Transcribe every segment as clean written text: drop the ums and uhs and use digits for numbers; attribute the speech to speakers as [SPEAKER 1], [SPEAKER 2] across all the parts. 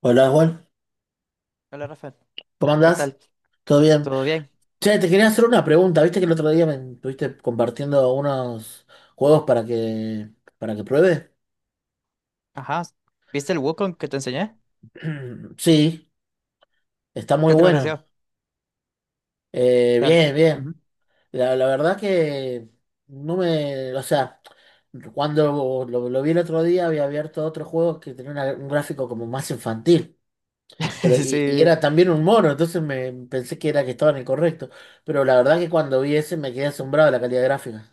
[SPEAKER 1] Hola Juan,
[SPEAKER 2] Hola Rafael,
[SPEAKER 1] ¿cómo
[SPEAKER 2] ¿qué tal?
[SPEAKER 1] andás? ¿Todo bien?
[SPEAKER 2] ¿Todo bien?
[SPEAKER 1] Che, te quería hacer una pregunta. Viste que el otro día me estuviste compartiendo unos juegos para que pruebe.
[SPEAKER 2] Ajá. ¿Viste el Wukong que te enseñé?
[SPEAKER 1] Sí, está muy
[SPEAKER 2] ¿Qué te
[SPEAKER 1] bueno.
[SPEAKER 2] pareció?
[SPEAKER 1] Bien, bien.
[SPEAKER 2] Ujú.
[SPEAKER 1] La verdad que no me, o sea, cuando lo vi el otro día había abierto otro juego que tenía un gráfico como más infantil, pero y
[SPEAKER 2] Sí,
[SPEAKER 1] era también un mono, entonces me pensé que era que estaba en el correcto, pero la verdad que cuando vi ese me quedé asombrado de la calidad gráfica.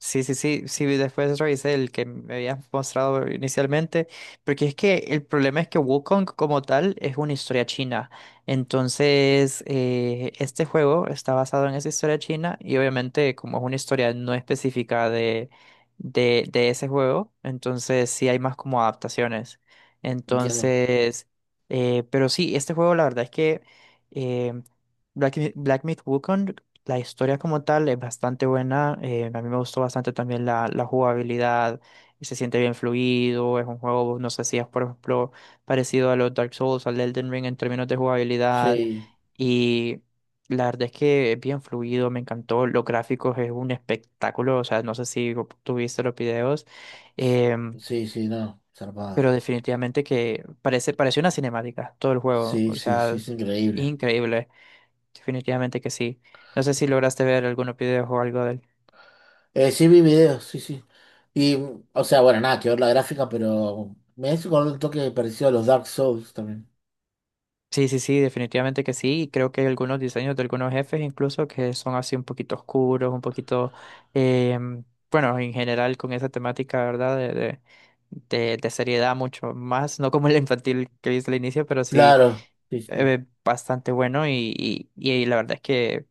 [SPEAKER 2] sí, sí, sí, sí, después revisé el que me habías mostrado inicialmente, porque es que el problema es que Wukong como tal es una historia china. Entonces, este juego está basado en esa historia china y, obviamente, como es una historia no específica de ese juego, entonces sí hay más como adaptaciones.
[SPEAKER 1] Entiendo.
[SPEAKER 2] Entonces, pero sí, este juego la verdad es que, eh, Black Myth Wukong, la historia como tal es bastante buena. A mí me gustó bastante también la jugabilidad. Se siente bien fluido. Es un juego, no sé si es, por ejemplo, parecido a los Dark Souls, al Elden Ring en términos de jugabilidad.
[SPEAKER 1] Sí,
[SPEAKER 2] Y la verdad es que es bien fluido. Me encantó. Los gráficos es un espectáculo. O sea, no sé si tuviste los videos.
[SPEAKER 1] s-
[SPEAKER 2] em,
[SPEAKER 1] sí, sí, no, zarpado.
[SPEAKER 2] pero definitivamente que parece, parece una cinemática todo el juego.
[SPEAKER 1] Sí,
[SPEAKER 2] O
[SPEAKER 1] sí, sí,
[SPEAKER 2] sea,
[SPEAKER 1] es increíble.
[SPEAKER 2] increíble. Definitivamente que sí. No sé si lograste ver algunos videos o algo de él.
[SPEAKER 1] Sí, vi videos, sí, sí. Y, o sea, bueno, nada que ver la gráfica, pero me hizo con un toque parecido a los Dark Souls también.
[SPEAKER 2] Sí, sí, sí, definitivamente que sí. Y creo que hay algunos diseños de algunos jefes incluso que son así un poquito oscuros, un poquito, em, bueno, en general con esa temática, ¿verdad? De seriedad mucho más, no como el infantil que viste al inicio, pero sí,
[SPEAKER 1] Claro, sí, sí.
[SPEAKER 2] bastante bueno, y la verdad es que,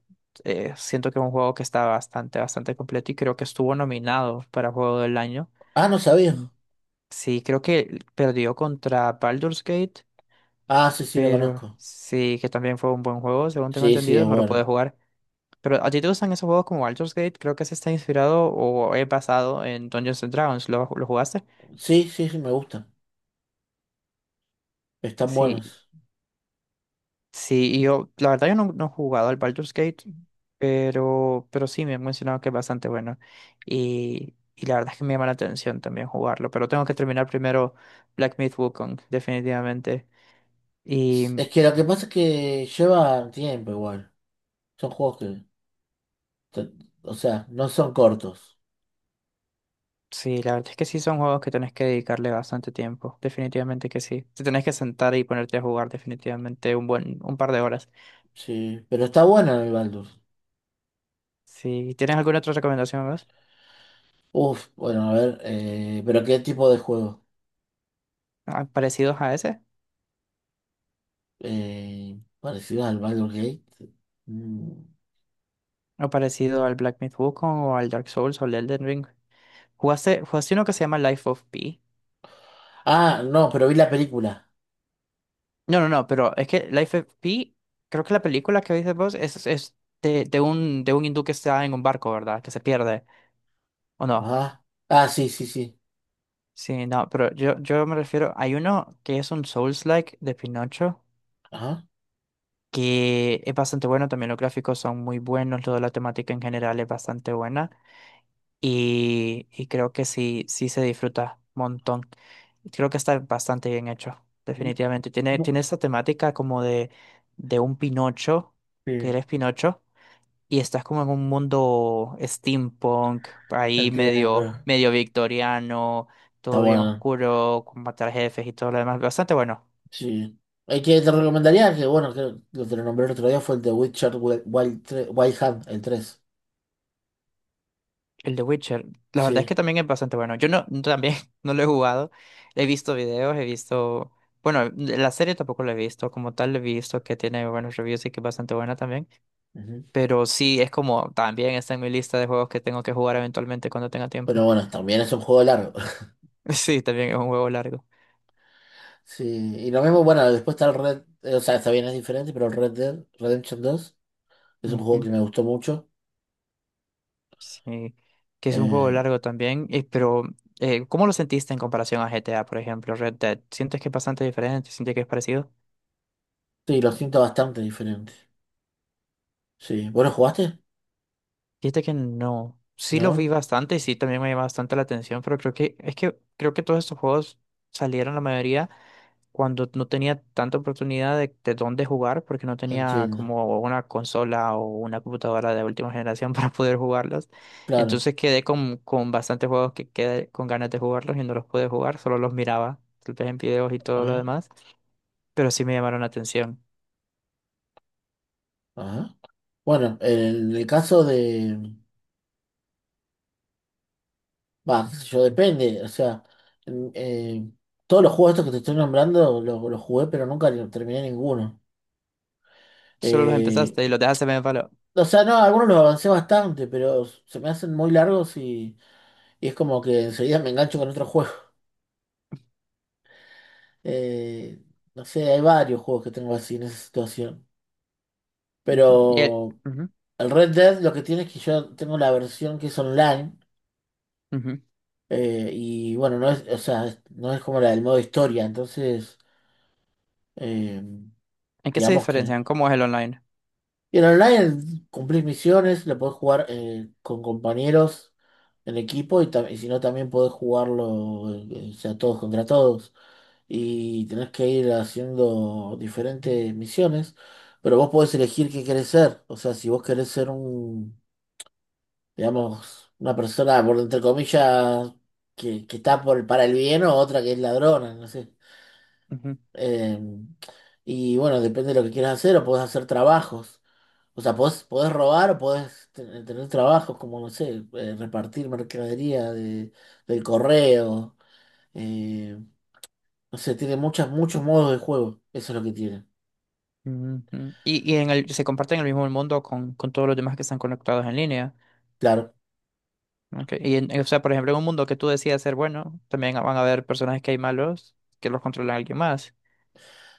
[SPEAKER 2] siento que es un juego que está bastante, bastante completo, y creo que estuvo nominado para Juego del Año.
[SPEAKER 1] Ah, no sabía.
[SPEAKER 2] Mm. Sí, creo que perdió contra Baldur's Gate,
[SPEAKER 1] Ah, sí, sí, lo
[SPEAKER 2] pero
[SPEAKER 1] conozco.
[SPEAKER 2] sí, que también fue un buen juego, según tengo
[SPEAKER 1] Sí, sí, es
[SPEAKER 2] entendido, no lo pude
[SPEAKER 1] bueno.
[SPEAKER 2] jugar. Pero ¿a ti te gustan esos juegos como Baldur's Gate? Creo que se está inspirado o es basado en Dungeons and Dragons. ¿Lo jugaste?
[SPEAKER 1] Sí, sí, sí, me gustan. Están
[SPEAKER 2] Sí,
[SPEAKER 1] buenos.
[SPEAKER 2] sí, y yo, la verdad, yo no he jugado al Baldur's Gate, pero sí me han mencionado que es bastante bueno. Y la verdad es que me llama la atención también jugarlo, pero tengo que terminar primero Black Myth Wukong, definitivamente.
[SPEAKER 1] Es que lo que pasa es que llevan tiempo igual. Son juegos que, te- o sea, no son cortos.
[SPEAKER 2] Sí, la verdad es que sí son juegos que tenés que dedicarle bastante tiempo. Definitivamente que sí. Te tenés que sentar y ponerte a jugar definitivamente un buen, un par de horas.
[SPEAKER 1] Sí, pero está bueno el Baldur.
[SPEAKER 2] Si ¿tienes alguna otra recomendación más?
[SPEAKER 1] Uf, bueno, a ver, pero ¿qué tipo de juego?
[SPEAKER 2] Ah, ¿parecidos a ese?
[SPEAKER 1] Parecido al Baldur's Gate. Mm.
[SPEAKER 2] ¿O parecido al Black Myth Wukong o al Dark Souls o al Elden Ring? ¿Jugaste uno que se llama Life of Pi?
[SPEAKER 1] Ah, no, pero vi la película.
[SPEAKER 2] No, no, no, pero es que Life of Pi, creo que la película que viste vos es de, de un hindú que está en un barco, ¿verdad? Que se pierde, ¿o no?
[SPEAKER 1] Ajá. Ah, sí, sí, sí.
[SPEAKER 2] Sí, no, pero yo, me refiero, hay uno que es un Souls-like de Pinocho,
[SPEAKER 1] Ajá.
[SPEAKER 2] que es bastante bueno, también los gráficos son muy buenos, toda la temática en general es bastante buena, y creo que sí, sí se disfruta un montón. Creo que está bastante bien hecho,
[SPEAKER 1] Mm,
[SPEAKER 2] definitivamente. Tiene,
[SPEAKER 1] no,
[SPEAKER 2] tiene esa temática como de, un Pinocho, que
[SPEAKER 1] sí,
[SPEAKER 2] eres Pinocho y estás como en un mundo steampunk, ahí medio,
[SPEAKER 1] entiendo.
[SPEAKER 2] medio victoriano,
[SPEAKER 1] Está
[SPEAKER 2] todo bien
[SPEAKER 1] bueno.
[SPEAKER 2] oscuro, con matar jefes y todo lo demás. Bastante bueno.
[SPEAKER 1] Sí. El que te recomendaría, que bueno, que lo te lo nombré el otro día, fue el de Witcher Wild Hunt, el tres.
[SPEAKER 2] El de Witcher, la verdad es que
[SPEAKER 1] Sí.
[SPEAKER 2] también es bastante bueno. Yo también, no lo he jugado. He visto videos, he visto. Bueno, la serie tampoco la he visto. Como tal, he visto que tiene buenos reviews y que es bastante buena también.
[SPEAKER 1] Ujú.
[SPEAKER 2] Pero sí, es como también está en mi lista de juegos que tengo que jugar eventualmente cuando tenga tiempo.
[SPEAKER 1] Pero bueno, también es un juego largo.
[SPEAKER 2] Sí, también es un juego largo.
[SPEAKER 1] Sí. Y lo mismo, bueno, después está el o sea, está bien, es diferente, pero el Red Dead Redemption dos. Es un juego
[SPEAKER 2] Ujú.
[SPEAKER 1] que me gustó mucho.
[SPEAKER 2] Sí, que es un juego
[SPEAKER 1] Eh,
[SPEAKER 2] largo también, pero, ¿cómo lo sentiste en comparación a GTA, por ejemplo, Red Dead? ¿Sientes que es bastante diferente? ¿Sientes que es parecido?
[SPEAKER 1] sí, lo siento bastante diferente. Sí. ¿Vos lo jugaste?
[SPEAKER 2] Fíjate que no. Sí, los vi
[SPEAKER 1] No,
[SPEAKER 2] bastante y sí también me llama bastante la atención, pero creo que es que creo que todos estos juegos salieron la mayoría cuando no tenía tanta oportunidad de, dónde jugar, porque no tenía
[SPEAKER 1] entiendo.
[SPEAKER 2] como una consola o una computadora de última generación para poder jugarlos.
[SPEAKER 1] Claro.
[SPEAKER 2] Entonces quedé con bastantes juegos que quedé con ganas de jugarlos y no los pude jugar, solo los miraba, tal vez en videos y todo lo
[SPEAKER 1] Ajá,
[SPEAKER 2] demás, pero sí me llamaron la atención.
[SPEAKER 1] ajá. Bueno, en el caso de... Bah, qué sé yo, depende. O sea, en- eh, todos los juegos estos que te estoy nombrando los jugué, pero nunca lo terminé ninguno.
[SPEAKER 2] Solo los
[SPEAKER 1] Eh,
[SPEAKER 2] empezaste y los dejaste medio en palo.
[SPEAKER 1] o sea, no, algunos los avancé bastante, pero se me hacen muy largos y es como que enseguida me engancho con otro juego. Eh, no sé, hay varios juegos que tengo así en esa situación.
[SPEAKER 2] Ujú.
[SPEAKER 1] Pero
[SPEAKER 2] Ujú,
[SPEAKER 1] el Red Dead lo que tiene es que yo tengo la versión que es online,
[SPEAKER 2] ujú.
[SPEAKER 1] y bueno, no es, o sea, no es como la del modo historia, entonces eh,
[SPEAKER 2] ¿En qué se
[SPEAKER 1] digamos que...
[SPEAKER 2] diferencian? ¿Cómo es el online?
[SPEAKER 1] Y en online cumplís misiones, lo podés jugar con compañeros en equipo y, y si no también podés jugarlo, o sea, todos contra todos y tenés que ir haciendo diferentes misiones, pero vos podés elegir qué querés ser, o sea, si vos querés ser un digamos, una persona, por entre comillas, que está por, para el bien o otra que es ladrona, no sé.
[SPEAKER 2] Ujú,
[SPEAKER 1] Eh, y bueno, depende de lo que quieras hacer, o podés hacer trabajos. O sea, podés, podés robar o podés tener trabajos como, no sé, repartir mercadería de, del correo. eh, no sé, tiene muchas, muchos modos de juego. Eso es lo que tiene.
[SPEAKER 2] ujú. Y en el, se comparten el mismo mundo con todos los demás que están conectados en línea.
[SPEAKER 1] Claro.
[SPEAKER 2] Ok, y en, o sea, por ejemplo, en un mundo que tú decidas ser bueno, también van a haber personajes que hay malos que los controla alguien más.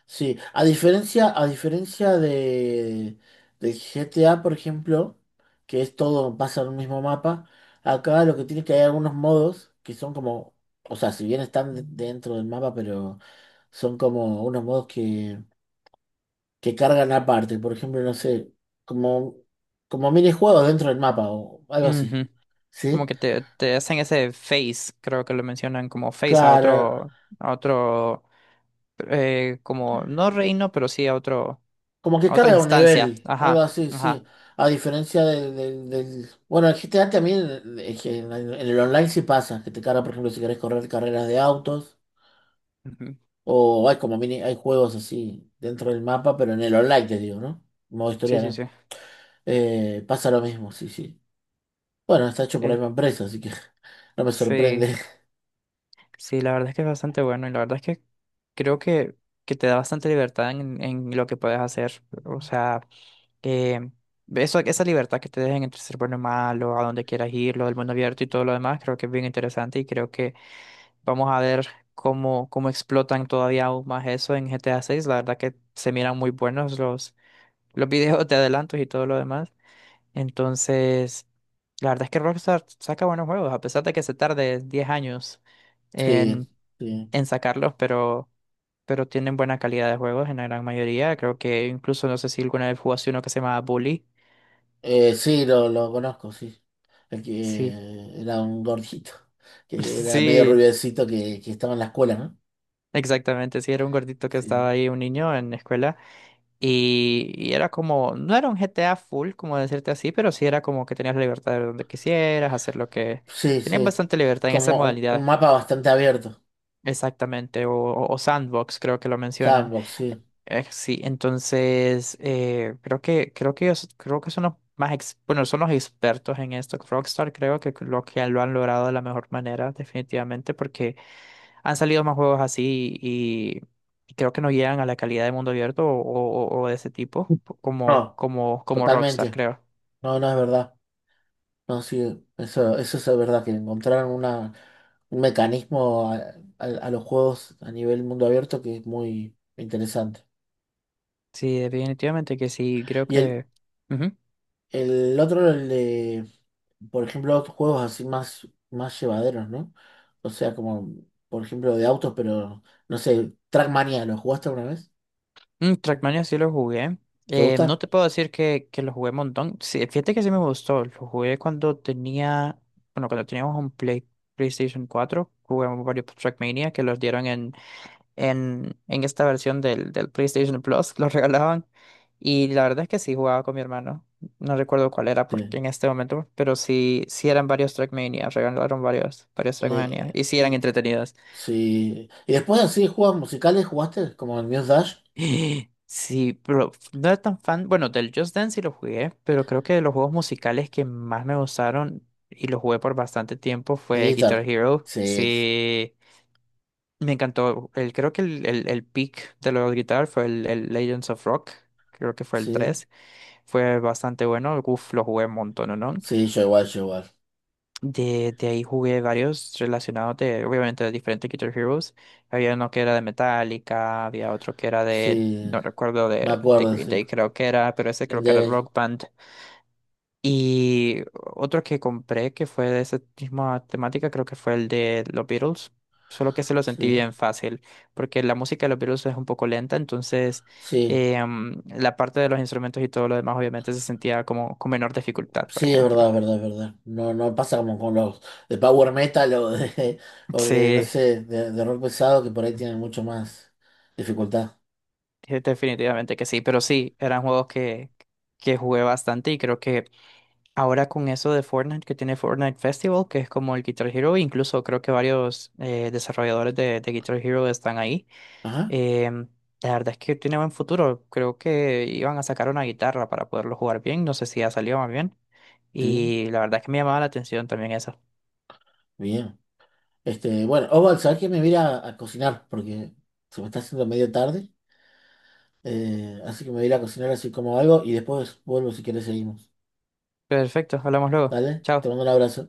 [SPEAKER 1] Sí, a diferencia de, del GTA, por ejemplo, que es todo, pasa en un mismo mapa, acá lo que tiene es que hay algunos modos que son como, o sea, si bien están dentro del mapa, pero son como unos modos que cargan aparte. Por ejemplo, no sé, como, como minijuegos dentro del mapa o algo así.
[SPEAKER 2] Ujú. Como
[SPEAKER 1] ¿Sí?
[SPEAKER 2] que te hacen ese face, creo que lo mencionan como face a
[SPEAKER 1] Claro.
[SPEAKER 2] otro, como no reino, pero sí a otro,
[SPEAKER 1] Como que
[SPEAKER 2] a otra
[SPEAKER 1] carga un
[SPEAKER 2] instancia.
[SPEAKER 1] nivel, algo
[SPEAKER 2] Ajá,
[SPEAKER 1] así, sí.
[SPEAKER 2] ajá.
[SPEAKER 1] A diferencia del Bueno, el G T a también es que en el online sí pasa, que te carga, por ejemplo, si querés correr carreras de autos,
[SPEAKER 2] Ujú.
[SPEAKER 1] o hay como mini, hay juegos así dentro del mapa, pero en el online te digo, ¿no? Modo
[SPEAKER 2] Sí,
[SPEAKER 1] historia,
[SPEAKER 2] sí, sí.
[SPEAKER 1] ¿no? Pasa lo mismo, sí, sí. Bueno, está hecho por la
[SPEAKER 2] Eh,
[SPEAKER 1] misma empresa, así que no me
[SPEAKER 2] sí.
[SPEAKER 1] sorprende.
[SPEAKER 2] Sí, la verdad es que es bastante bueno, y la verdad es que creo que te da bastante libertad en lo que puedes hacer. O sea, eh, esa libertad que te dejen entre ser bueno y malo, a donde quieras ir, lo del mundo abierto y todo lo demás, creo que es bien interesante, y creo que vamos a ver cómo explotan todavía aún más eso en GTA 6. La verdad que se miran muy buenos los videos de adelantos y todo lo demás. Entonces, la verdad es que Rockstar saca buenos juegos, a pesar de que se tarde 10 años
[SPEAKER 1] Sí, sí.
[SPEAKER 2] en sacarlos, pero tienen buena calidad de juegos en la gran mayoría. Creo que incluso no sé si alguna vez jugaste uno que se llamaba Bully.
[SPEAKER 1] Sí, lo conozco, sí. El que
[SPEAKER 2] Sí,
[SPEAKER 1] era un gordito, que era medio
[SPEAKER 2] sí,
[SPEAKER 1] rubiecito que estaba en la escuela, ¿no?
[SPEAKER 2] exactamente. Sí, era un gordito que
[SPEAKER 1] Sí,
[SPEAKER 2] estaba ahí, un niño en la escuela. Y era como, no era un GTA full, como decirte así, pero sí era como que tenías la libertad de donde quisieras, hacer lo que...
[SPEAKER 1] sí,
[SPEAKER 2] Tenías
[SPEAKER 1] sí.
[SPEAKER 2] bastante libertad en esa
[SPEAKER 1] Como un
[SPEAKER 2] modalidad.
[SPEAKER 1] mapa bastante abierto.
[SPEAKER 2] Exactamente, o sandbox, creo que lo mencionan.
[SPEAKER 1] Sandbox, sí.
[SPEAKER 2] Sí, entonces, creo que ellos creo que son los más bueno, son los expertos en esto. Rockstar, creo que lo han logrado de la mejor manera definitivamente, porque han salido más juegos así, y creo que no llegan a la calidad de mundo abierto, o de ese tipo,
[SPEAKER 1] No,
[SPEAKER 2] como Rockstar,
[SPEAKER 1] totalmente.
[SPEAKER 2] creo.
[SPEAKER 1] No, no es verdad. No, sí, eso es verdad, que encontraron una, un mecanismo a, a los juegos a nivel mundo abierto que es muy interesante.
[SPEAKER 2] Sí, definitivamente que sí, creo
[SPEAKER 1] Y
[SPEAKER 2] que ujú.
[SPEAKER 1] el otro, el de, por ejemplo, otros juegos así más, más llevaderos, ¿no? O sea, como, por ejemplo, de autos, pero, no sé, Trackmania, ¿lo jugaste alguna vez?
[SPEAKER 2] Mm, Trackmania sí lo jugué.
[SPEAKER 1] ¿Te
[SPEAKER 2] No
[SPEAKER 1] gusta?
[SPEAKER 2] te puedo decir que lo jugué un montón. Sí, fíjate que sí me gustó. Lo jugué cuando tenía, bueno, cuando teníamos un PlayStation 4. Jugamos varios Trackmania que los dieron en esta versión del PlayStation Plus. Los regalaban. Y la verdad es que sí jugaba con mi hermano. No recuerdo cuál era
[SPEAKER 1] Sí.
[SPEAKER 2] porque en este momento, pero sí, sí eran varios Trackmania. Regalaron varios Trackmania.
[SPEAKER 1] De,
[SPEAKER 2] Y sí eran entretenidos.
[SPEAKER 1] sí. Y después así juegos musicales jugaste, como el Muse Dash,
[SPEAKER 2] Sí, pero no era tan fan. Bueno, del Just Dance sí lo jugué, pero creo que de los juegos musicales que más me gustaron y lo jugué por bastante tiempo
[SPEAKER 1] de
[SPEAKER 2] fue
[SPEAKER 1] guitar.
[SPEAKER 2] Guitar Hero.
[SPEAKER 1] Sí,
[SPEAKER 2] Sí, me encantó. Creo que el peak de lo de guitar fue el Legends of Rock. Creo que fue el
[SPEAKER 1] sí,
[SPEAKER 2] 3. Fue bastante bueno. Uf, lo jugué un montón, ¿no?
[SPEAKER 1] sí, yo igual, yo igual.
[SPEAKER 2] De, ahí jugué varios relacionados de, obviamente, de diferentes Guitar Heroes. Había uno que era de Metallica, había otro que era de,
[SPEAKER 1] Sí,
[SPEAKER 2] no recuerdo,
[SPEAKER 1] me
[SPEAKER 2] de,
[SPEAKER 1] acuerdo,
[SPEAKER 2] Green
[SPEAKER 1] sí.
[SPEAKER 2] Day, creo que era, pero ese
[SPEAKER 1] El
[SPEAKER 2] creo que era
[SPEAKER 1] de,
[SPEAKER 2] Rock Band. Y otro que compré que fue de esa misma temática, creo que fue el de los Beatles. Solo que se lo sentí
[SPEAKER 1] sí,
[SPEAKER 2] bien fácil, porque la música de los Beatles es un poco lenta, entonces
[SPEAKER 1] sí,
[SPEAKER 2] la parte de los instrumentos y todo lo demás obviamente se sentía como con menor dificultad, por
[SPEAKER 1] sí, es verdad,
[SPEAKER 2] ejemplo.
[SPEAKER 1] es verdad, es verdad. No, no pasa como con los de power metal o de, o de, no
[SPEAKER 2] Sí.
[SPEAKER 1] sé, de rock pesado que por ahí tienen mucho más dificultad.
[SPEAKER 2] Definitivamente que sí, pero sí, eran juegos que jugué bastante, y creo que ahora con eso de Fortnite, que tiene Fortnite Festival, que es como el Guitar Hero, incluso creo que varios desarrolladores de, Guitar Hero están ahí.
[SPEAKER 1] Ajá,
[SPEAKER 2] em, la verdad es que tiene buen futuro, creo que iban a sacar una guitarra para poderlo jugar bien, no sé si ya salió más bien,
[SPEAKER 1] sí,
[SPEAKER 2] y la verdad es que me llamaba la atención también eso.
[SPEAKER 1] bien. Este, bueno, Oval, ¿sabes qué? Me voy a ir a cocinar porque se me está haciendo medio tarde. Así que me voy a ir a cocinar así como algo y después vuelvo si querés seguimos.
[SPEAKER 2] Perfecto, hablamos luego,
[SPEAKER 1] ¿Vale? Te
[SPEAKER 2] chao.
[SPEAKER 1] mando un abrazo.